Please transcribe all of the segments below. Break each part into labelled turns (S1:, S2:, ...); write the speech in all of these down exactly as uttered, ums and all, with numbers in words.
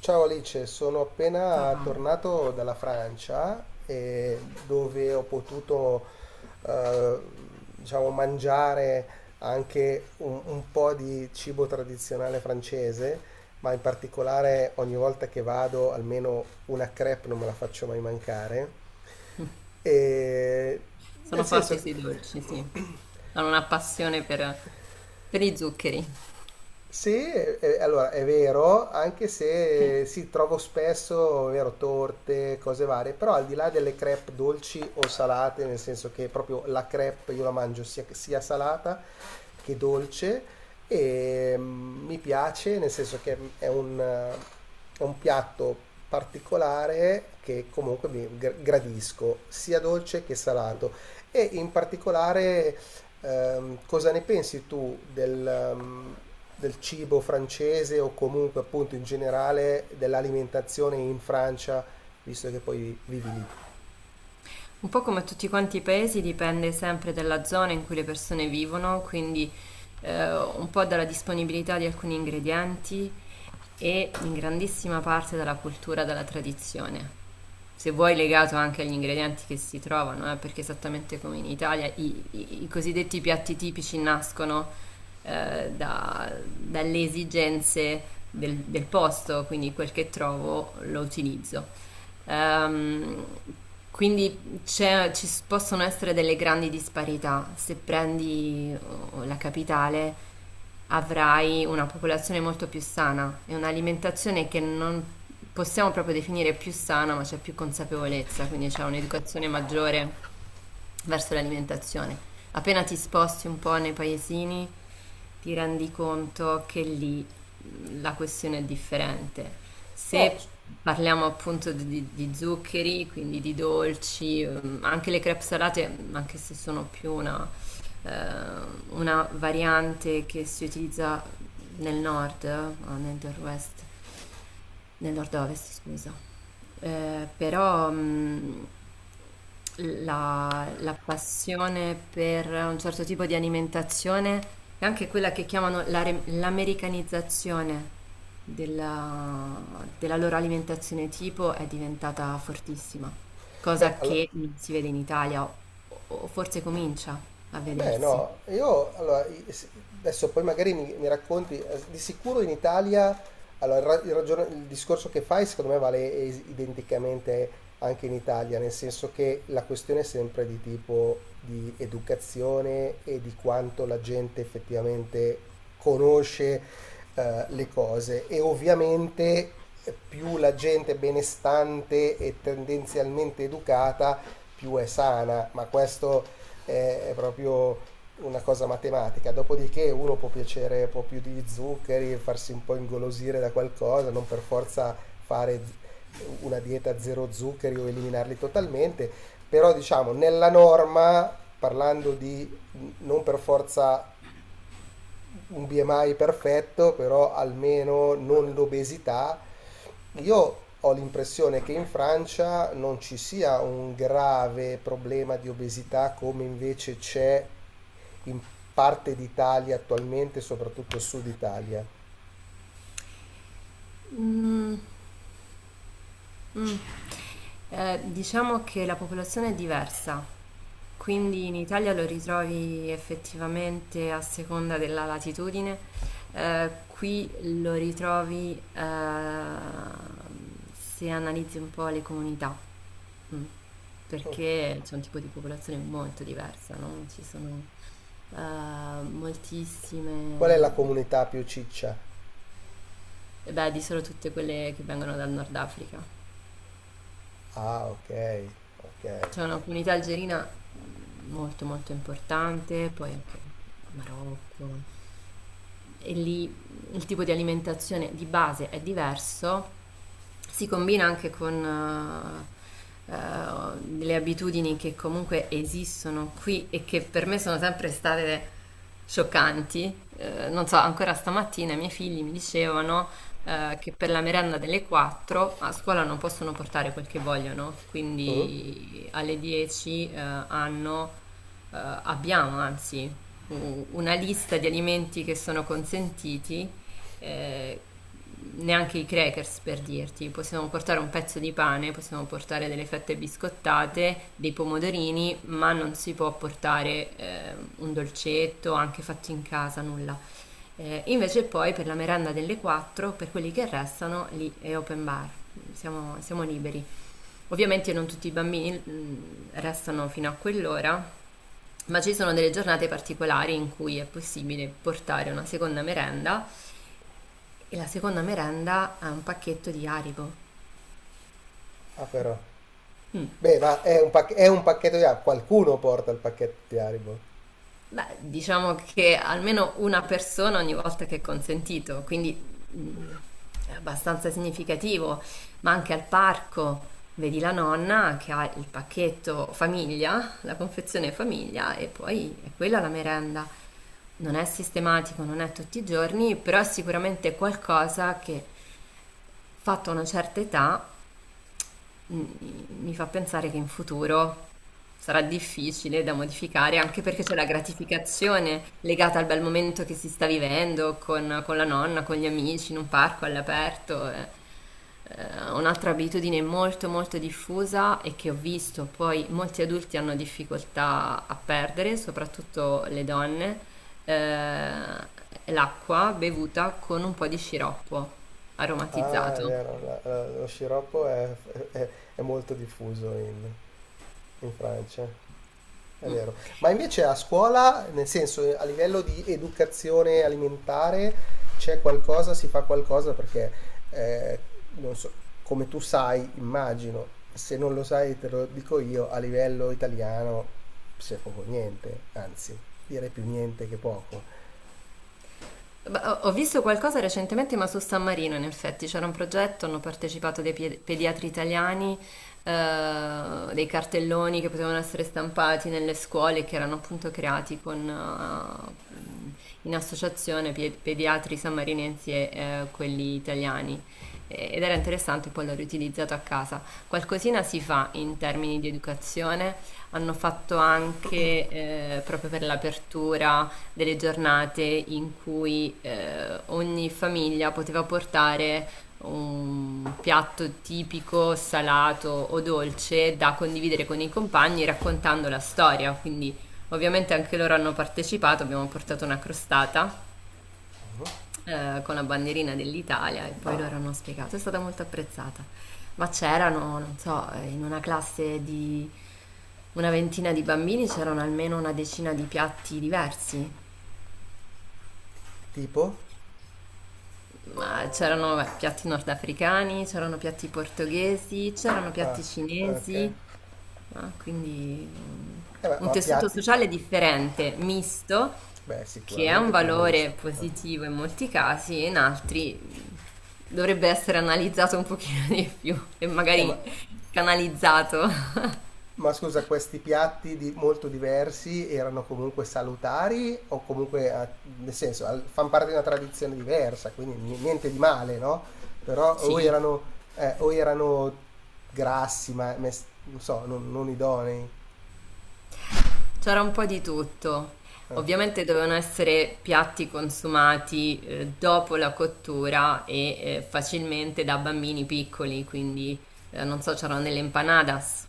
S1: Ciao Alice, sono appena tornato dalla Francia e dove ho potuto eh, diciamo, mangiare anche un, un po' di cibo tradizionale francese, ma in particolare ogni volta che vado almeno una crepe non me la faccio mai mancare. E nel
S2: Sono forti
S1: senso,
S2: sui dolci, sì. Hanno una passione a zuccheri.
S1: sì, eh, allora è vero, anche se si trovo spesso, è vero, torte, cose varie, però al di là delle crepe dolci o salate, nel senso che proprio la crepe io la mangio sia, sia salata che dolce e mm, mi piace, nel senso che è un, eh, è un piatto particolare che comunque mi gr- gradisco, sia dolce che salato e in particolare. Ehm, cosa ne pensi tu del, ehm, del cibo francese o comunque appunto in generale dell'alimentazione in Francia, visto che poi vivi lì?
S2: Un po' come tutti quanti i paesi, dipende sempre dalla zona in cui le persone vivono, quindi eh, un po' dalla disponibilità di alcuni ingredienti e in grandissima parte dalla cultura, dalla tradizione. Se vuoi legato anche agli ingredienti che si trovano, eh, perché esattamente come in Italia i, i- i cosiddetti piatti tipici nascono eh, da- dalle esigenze del, del posto, quindi quel che trovo lo utilizzo. Ehm, quindi c'è- ci s- possono essere delle grandi disparità. Se prendi oh, la capitale, avrai una popolazione molto più sana e un'alimentazione che non possiamo proprio definire più sana, ma c'è più consapevolezza, quindi c'è un'educazione maggiore verso l'alimentazione. Appena ti sposti un po' nei paesini, ti rendi conto che lì mm, la questione è differente.
S1: Però
S2: Se
S1: s-
S2: parliamo appunto di, di zuccheri, quindi di dolci, ehm, anche le crepe salate, anche se sono più una eh, una variante che si utilizza nel nord, eh, o nel nord-west nel nord-ovest, scusa. Eh, però mh, La, la passione per un certo tipo di alimentazione è anche quella che chiamano la re- l'americanizzazione della, della loro alimentazione tipo è diventata fortissima,
S1: Beh,
S2: cosa
S1: allo-
S2: che non si vede in Italia, o, o forse comincia a
S1: Beh, no,
S2: vedersi.
S1: io allora, i- s- adesso poi magari mi, mi racconti, eh, di sicuro in Italia, allora, il, ra- il ragion- il discorso che fai secondo me vale es- identicamente anche in Italia, nel senso che la questione è sempre di tipo di educazione e di quanto la gente effettivamente conosce, eh, le cose e ovviamente, eh, più la gente è benestante e tendenzialmente educata, più è sana, ma questo è, è proprio una cosa matematica, dopodiché uno può piacere un po' più di zuccheri, farsi un po' ingolosire da qualcosa, non per forza fare z- una dieta zero zuccheri o eliminarli totalmente, però diciamo nella norma, parlando di mh, non per forza un B M I perfetto, però almeno non l'obesità. Io ho l'impressione che in Francia non ci sia un grave problema di obesità come invece c'è in parte d'Italia attualmente, soprattutto sud Italia.
S2: Mm, mm. Eh, diciamo che la popolazione è diversa, quindi in Italia lo ritrovi effettivamente a seconda della latitudine. Eh, qui lo ritrovi, eh, se analizzi un po' le comunità, mm, perché c'è un tipo di popolazione molto diversa, no? Ci sono, eh,
S1: Qual è la
S2: moltissime,
S1: comunità più ciccia?
S2: eh, beh, di solo tutte quelle che vengono dal Nord Africa.
S1: Ah, ok, ok.
S2: C'è una comunità algerina molto molto importante, poi anche Marocco. E lì il tipo di alimentazione di base è diverso, si combina anche con eh, eh, delle abitudini che comunque esistono qui e che per me sono sempre state scioccanti. Eh, non so, ancora stamattina i miei figli mi dicevano eh, che per la merenda delle quattro a scuola non possono portare quel che vogliono,
S1: Mm?
S2: quindi alle dieci, eh, hanno, eh, abbiamo anzi u- una lista di alimenti che sono consentiti, eh, neanche i crackers per dirti, possiamo portare un pezzo di pane, possiamo portare delle fette biscottate, dei pomodorini, ma non si può portare eh, un dolcetto, anche fatto in casa, nulla. Eh, invece poi per la merenda delle quattro, per quelli che restano, lì è open bar, siamo, siamo liberi. Ovviamente non tutti i bambini, mm, restano fino a quell'ora, ma ci sono delle giornate particolari in cui è possibile portare una seconda merenda e la seconda merenda è un pacchetto di Haribo.
S1: Ah, però.
S2: Mm.
S1: Beh, ma è un, pac- è un pacchetto di Haribo. Qualcuno porta il pacchetto di Haribo.
S2: Beh, diciamo che almeno una persona ogni volta che è consentito, quindi mh, è abbastanza significativo, ma anche al parco vedi la nonna che ha il pacchetto famiglia, la confezione famiglia e poi è quella la merenda. Non è sistematico, non è tutti i giorni, però è sicuramente qualcosa che fatta una certa età mi fa pensare che in futuro sarà difficile da modificare, anche perché c'è la gratificazione legata al bel momento che si sta vivendo con, con la nonna, con gli amici, in un parco all'aperto. Eh. Eh, un'altra abitudine molto molto diffusa e che ho visto poi molti adulti hanno difficoltà a perdere, soprattutto le donne, eh, l'acqua bevuta con un po' di sciroppo
S1: Ah, è
S2: aromatizzato.
S1: vero, la- la- lo sciroppo è, è- è molto diffuso in, in Francia. È
S2: Mm.
S1: vero. Ma invece a scuola, nel senso, eh, a livello di educazione alimentare, c'è qualcosa, si fa qualcosa perché, eh, non so, come tu sai, immagino, se non lo sai te lo dico io, a livello italiano c'è poco niente, anzi, direi più niente che poco.
S2: Beh, Ho ho visto qualcosa recentemente, ma su San Marino, in effetti, c'era un progetto, hanno partecipato dei pie- pediatri italiani, eh, dei cartelloni che potevano essere stampati nelle scuole, che erano appunto creati con, eh, in associazione pie- pediatri sammarinensi e, eh, quelli italiani. E- Ed era interessante, poi l'ho riutilizzato a casa. Qualcosina si fa in termini di educazione, hanno fatto anche, eh, proprio per l'apertura delle giornate in cui, eh, ogni famiglia poteva portare un piatto tipico, salato o dolce da condividere con i compagni raccontando la storia. Quindi ovviamente anche loro hanno partecipato, abbiamo portato una crostata
S1: Mhm.
S2: eh, con la bandierina dell'Italia e poi loro hanno spiegato, è stata molto apprezzata. Ma c'erano, non so, eh, in una classe di una ventina di bambini c'erano almeno una decina di piatti diversi.
S1: Tipo?
S2: Ma c'erano, beh, piatti nordafricani, c'erano piatti portoghesi, c'erano
S1: Ah,
S2: piatti
S1: ok.
S2: cinesi, ah, quindi um,
S1: Eh, ma,
S2: un
S1: ma
S2: tessuto
S1: piatti?
S2: sociale differente, misto,
S1: Beh,
S2: che è un
S1: sicuramente più
S2: valore
S1: misto. Ah.
S2: positivo in molti casi e in altri dovrebbe essere analizzato un pochino di più e
S1: Eh, ma
S2: magari canalizzato.
S1: ma scusa, questi piatti di- molto diversi erano comunque salutari o comunque, ah, nel senso, al- fanno parte di una tradizione diversa, quindi ni- niente di male, no? Però o
S2: Sì,
S1: erano, eh, o erano grassi, ma mes- non so, non, non idonei.
S2: c'era un po' di tutto.
S1: Eh.
S2: Ovviamente dovevano essere piatti consumati, eh, dopo la cottura e, eh, facilmente da bambini piccoli, quindi, eh, non so, c'erano delle empanadas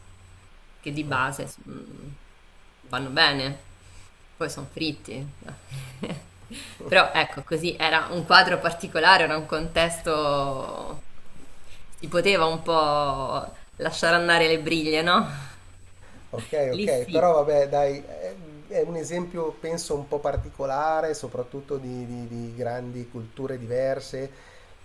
S2: che di base, mm, vanno bene, poi sono fritti. Però ecco, così era un quadro particolare, era un contesto, si poteva un po' lasciare andare le briglie, no?
S1: Ok,
S2: Lì
S1: ok, però
S2: sì.
S1: vabbè, dai, è, è un esempio penso un po' particolare, soprattutto di, di- di grandi culture diverse.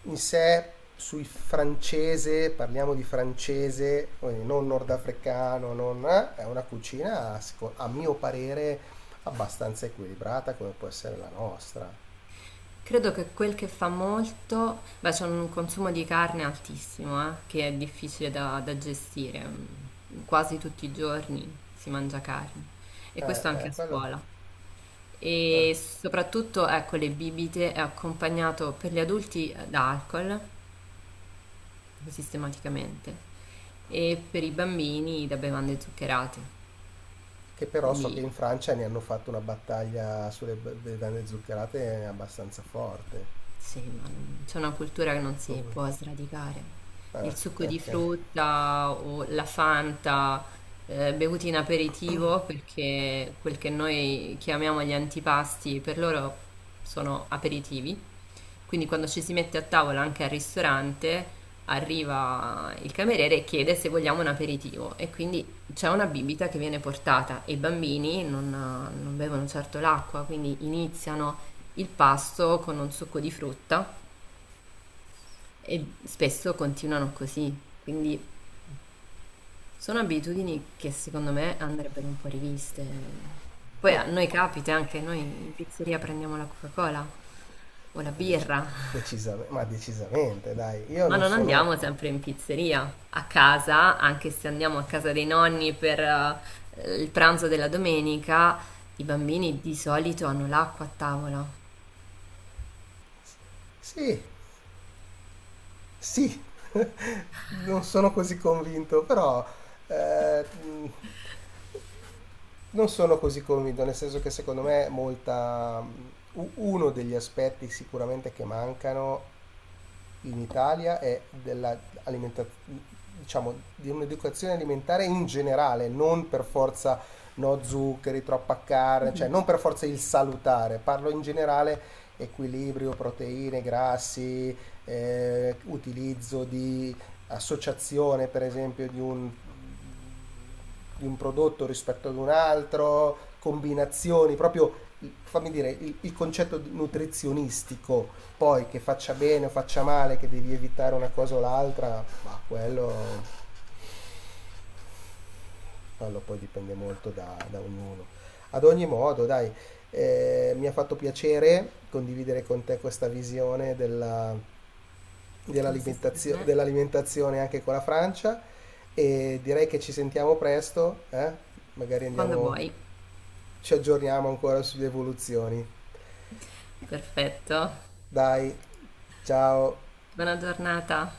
S1: In sé, sui francese, parliamo di francese, quindi non nordafricano, non, eh, è una cucina, seco- a mio parere, abbastanza equilibrata come può essere la nostra.
S2: Credo che quel che fa molto, beh, c'è un consumo di carne altissimo, eh, che è difficile da, da gestire. Mm, Quasi tutti i giorni si mangia carne e
S1: Eh,
S2: questo anche
S1: eh,
S2: a
S1: quello,
S2: scuola.
S1: eh.
S2: E soprattutto, ecco, le bibite è accompagnato per gli adulti, eh, da alcol, sistematicamente, e per i bambini da bevande zuccherate.
S1: Che però so che in
S2: Quindi
S1: Francia ne hanno fatto una battaglia sulle be- bevande zuccherate abbastanza forte.
S2: sì, ma non- c'è una cultura che non si può sradicare.
S1: Ah,
S2: Il succo di
S1: ok.
S2: frutta o la Fanta, eh, bevuti in aperitivo, perché quel che noi chiamiamo gli antipasti, per loro sono aperitivi. Quindi quando ci si mette a tavola anche al ristorante, arriva il cameriere e chiede se vogliamo un aperitivo e quindi c'è una bibita che viene portata e i bambini non, non bevono certo l'acqua, quindi iniziano il pasto con un succo di frutta e spesso continuano così. Quindi sono abitudini che secondo me andrebbero un po' riviste. Poi a noi capita anche, noi in pizzeria prendiamo la Coca-Cola o la
S1: Dai, dec-
S2: birra.
S1: decisam- ma decisamente, dai. Io
S2: Ma
S1: non
S2: non
S1: sono...
S2: andiamo sempre in pizzeria, a casa, anche se andiamo a casa dei nonni per, eh, il pranzo della domenica, i bambini di solito hanno l'acqua a tavola.
S1: Sì, sì, non sono così convinto, però eh, mh, non sono così convinto, nel senso che secondo me molta... mh, u- uno degli aspetti sicuramente che mancano in Italia è dell'alimentazione, diciamo, di un'educazione alimentare in generale, non per forza no zuccheri, troppa carne, cioè non per forza il salutare, parlo in generale equilibrio, proteine, grassi, eh, utilizzo di associazione per esempio di un di un prodotto rispetto ad un altro, combinazioni, proprio fammi dire il, il concetto nutrizionistico, poi che faccia bene o faccia male, che devi evitare una cosa o l'altra, ma quello, quello poi dipende molto da, da ognuno. Ad ogni modo, dai, eh, mi ha fatto piacere condividere con te questa visione della,
S2: Lo stesso per
S1: dell'alimentazio-
S2: me.
S1: dell'alimentazione anche con la Francia e direi che ci sentiamo presto, eh? Magari
S2: Quando
S1: andiamo
S2: vuoi.
S1: ci aggiorniamo ancora sulle evoluzioni.
S2: Perfetto.
S1: Dai, ciao!
S2: Buona giornata.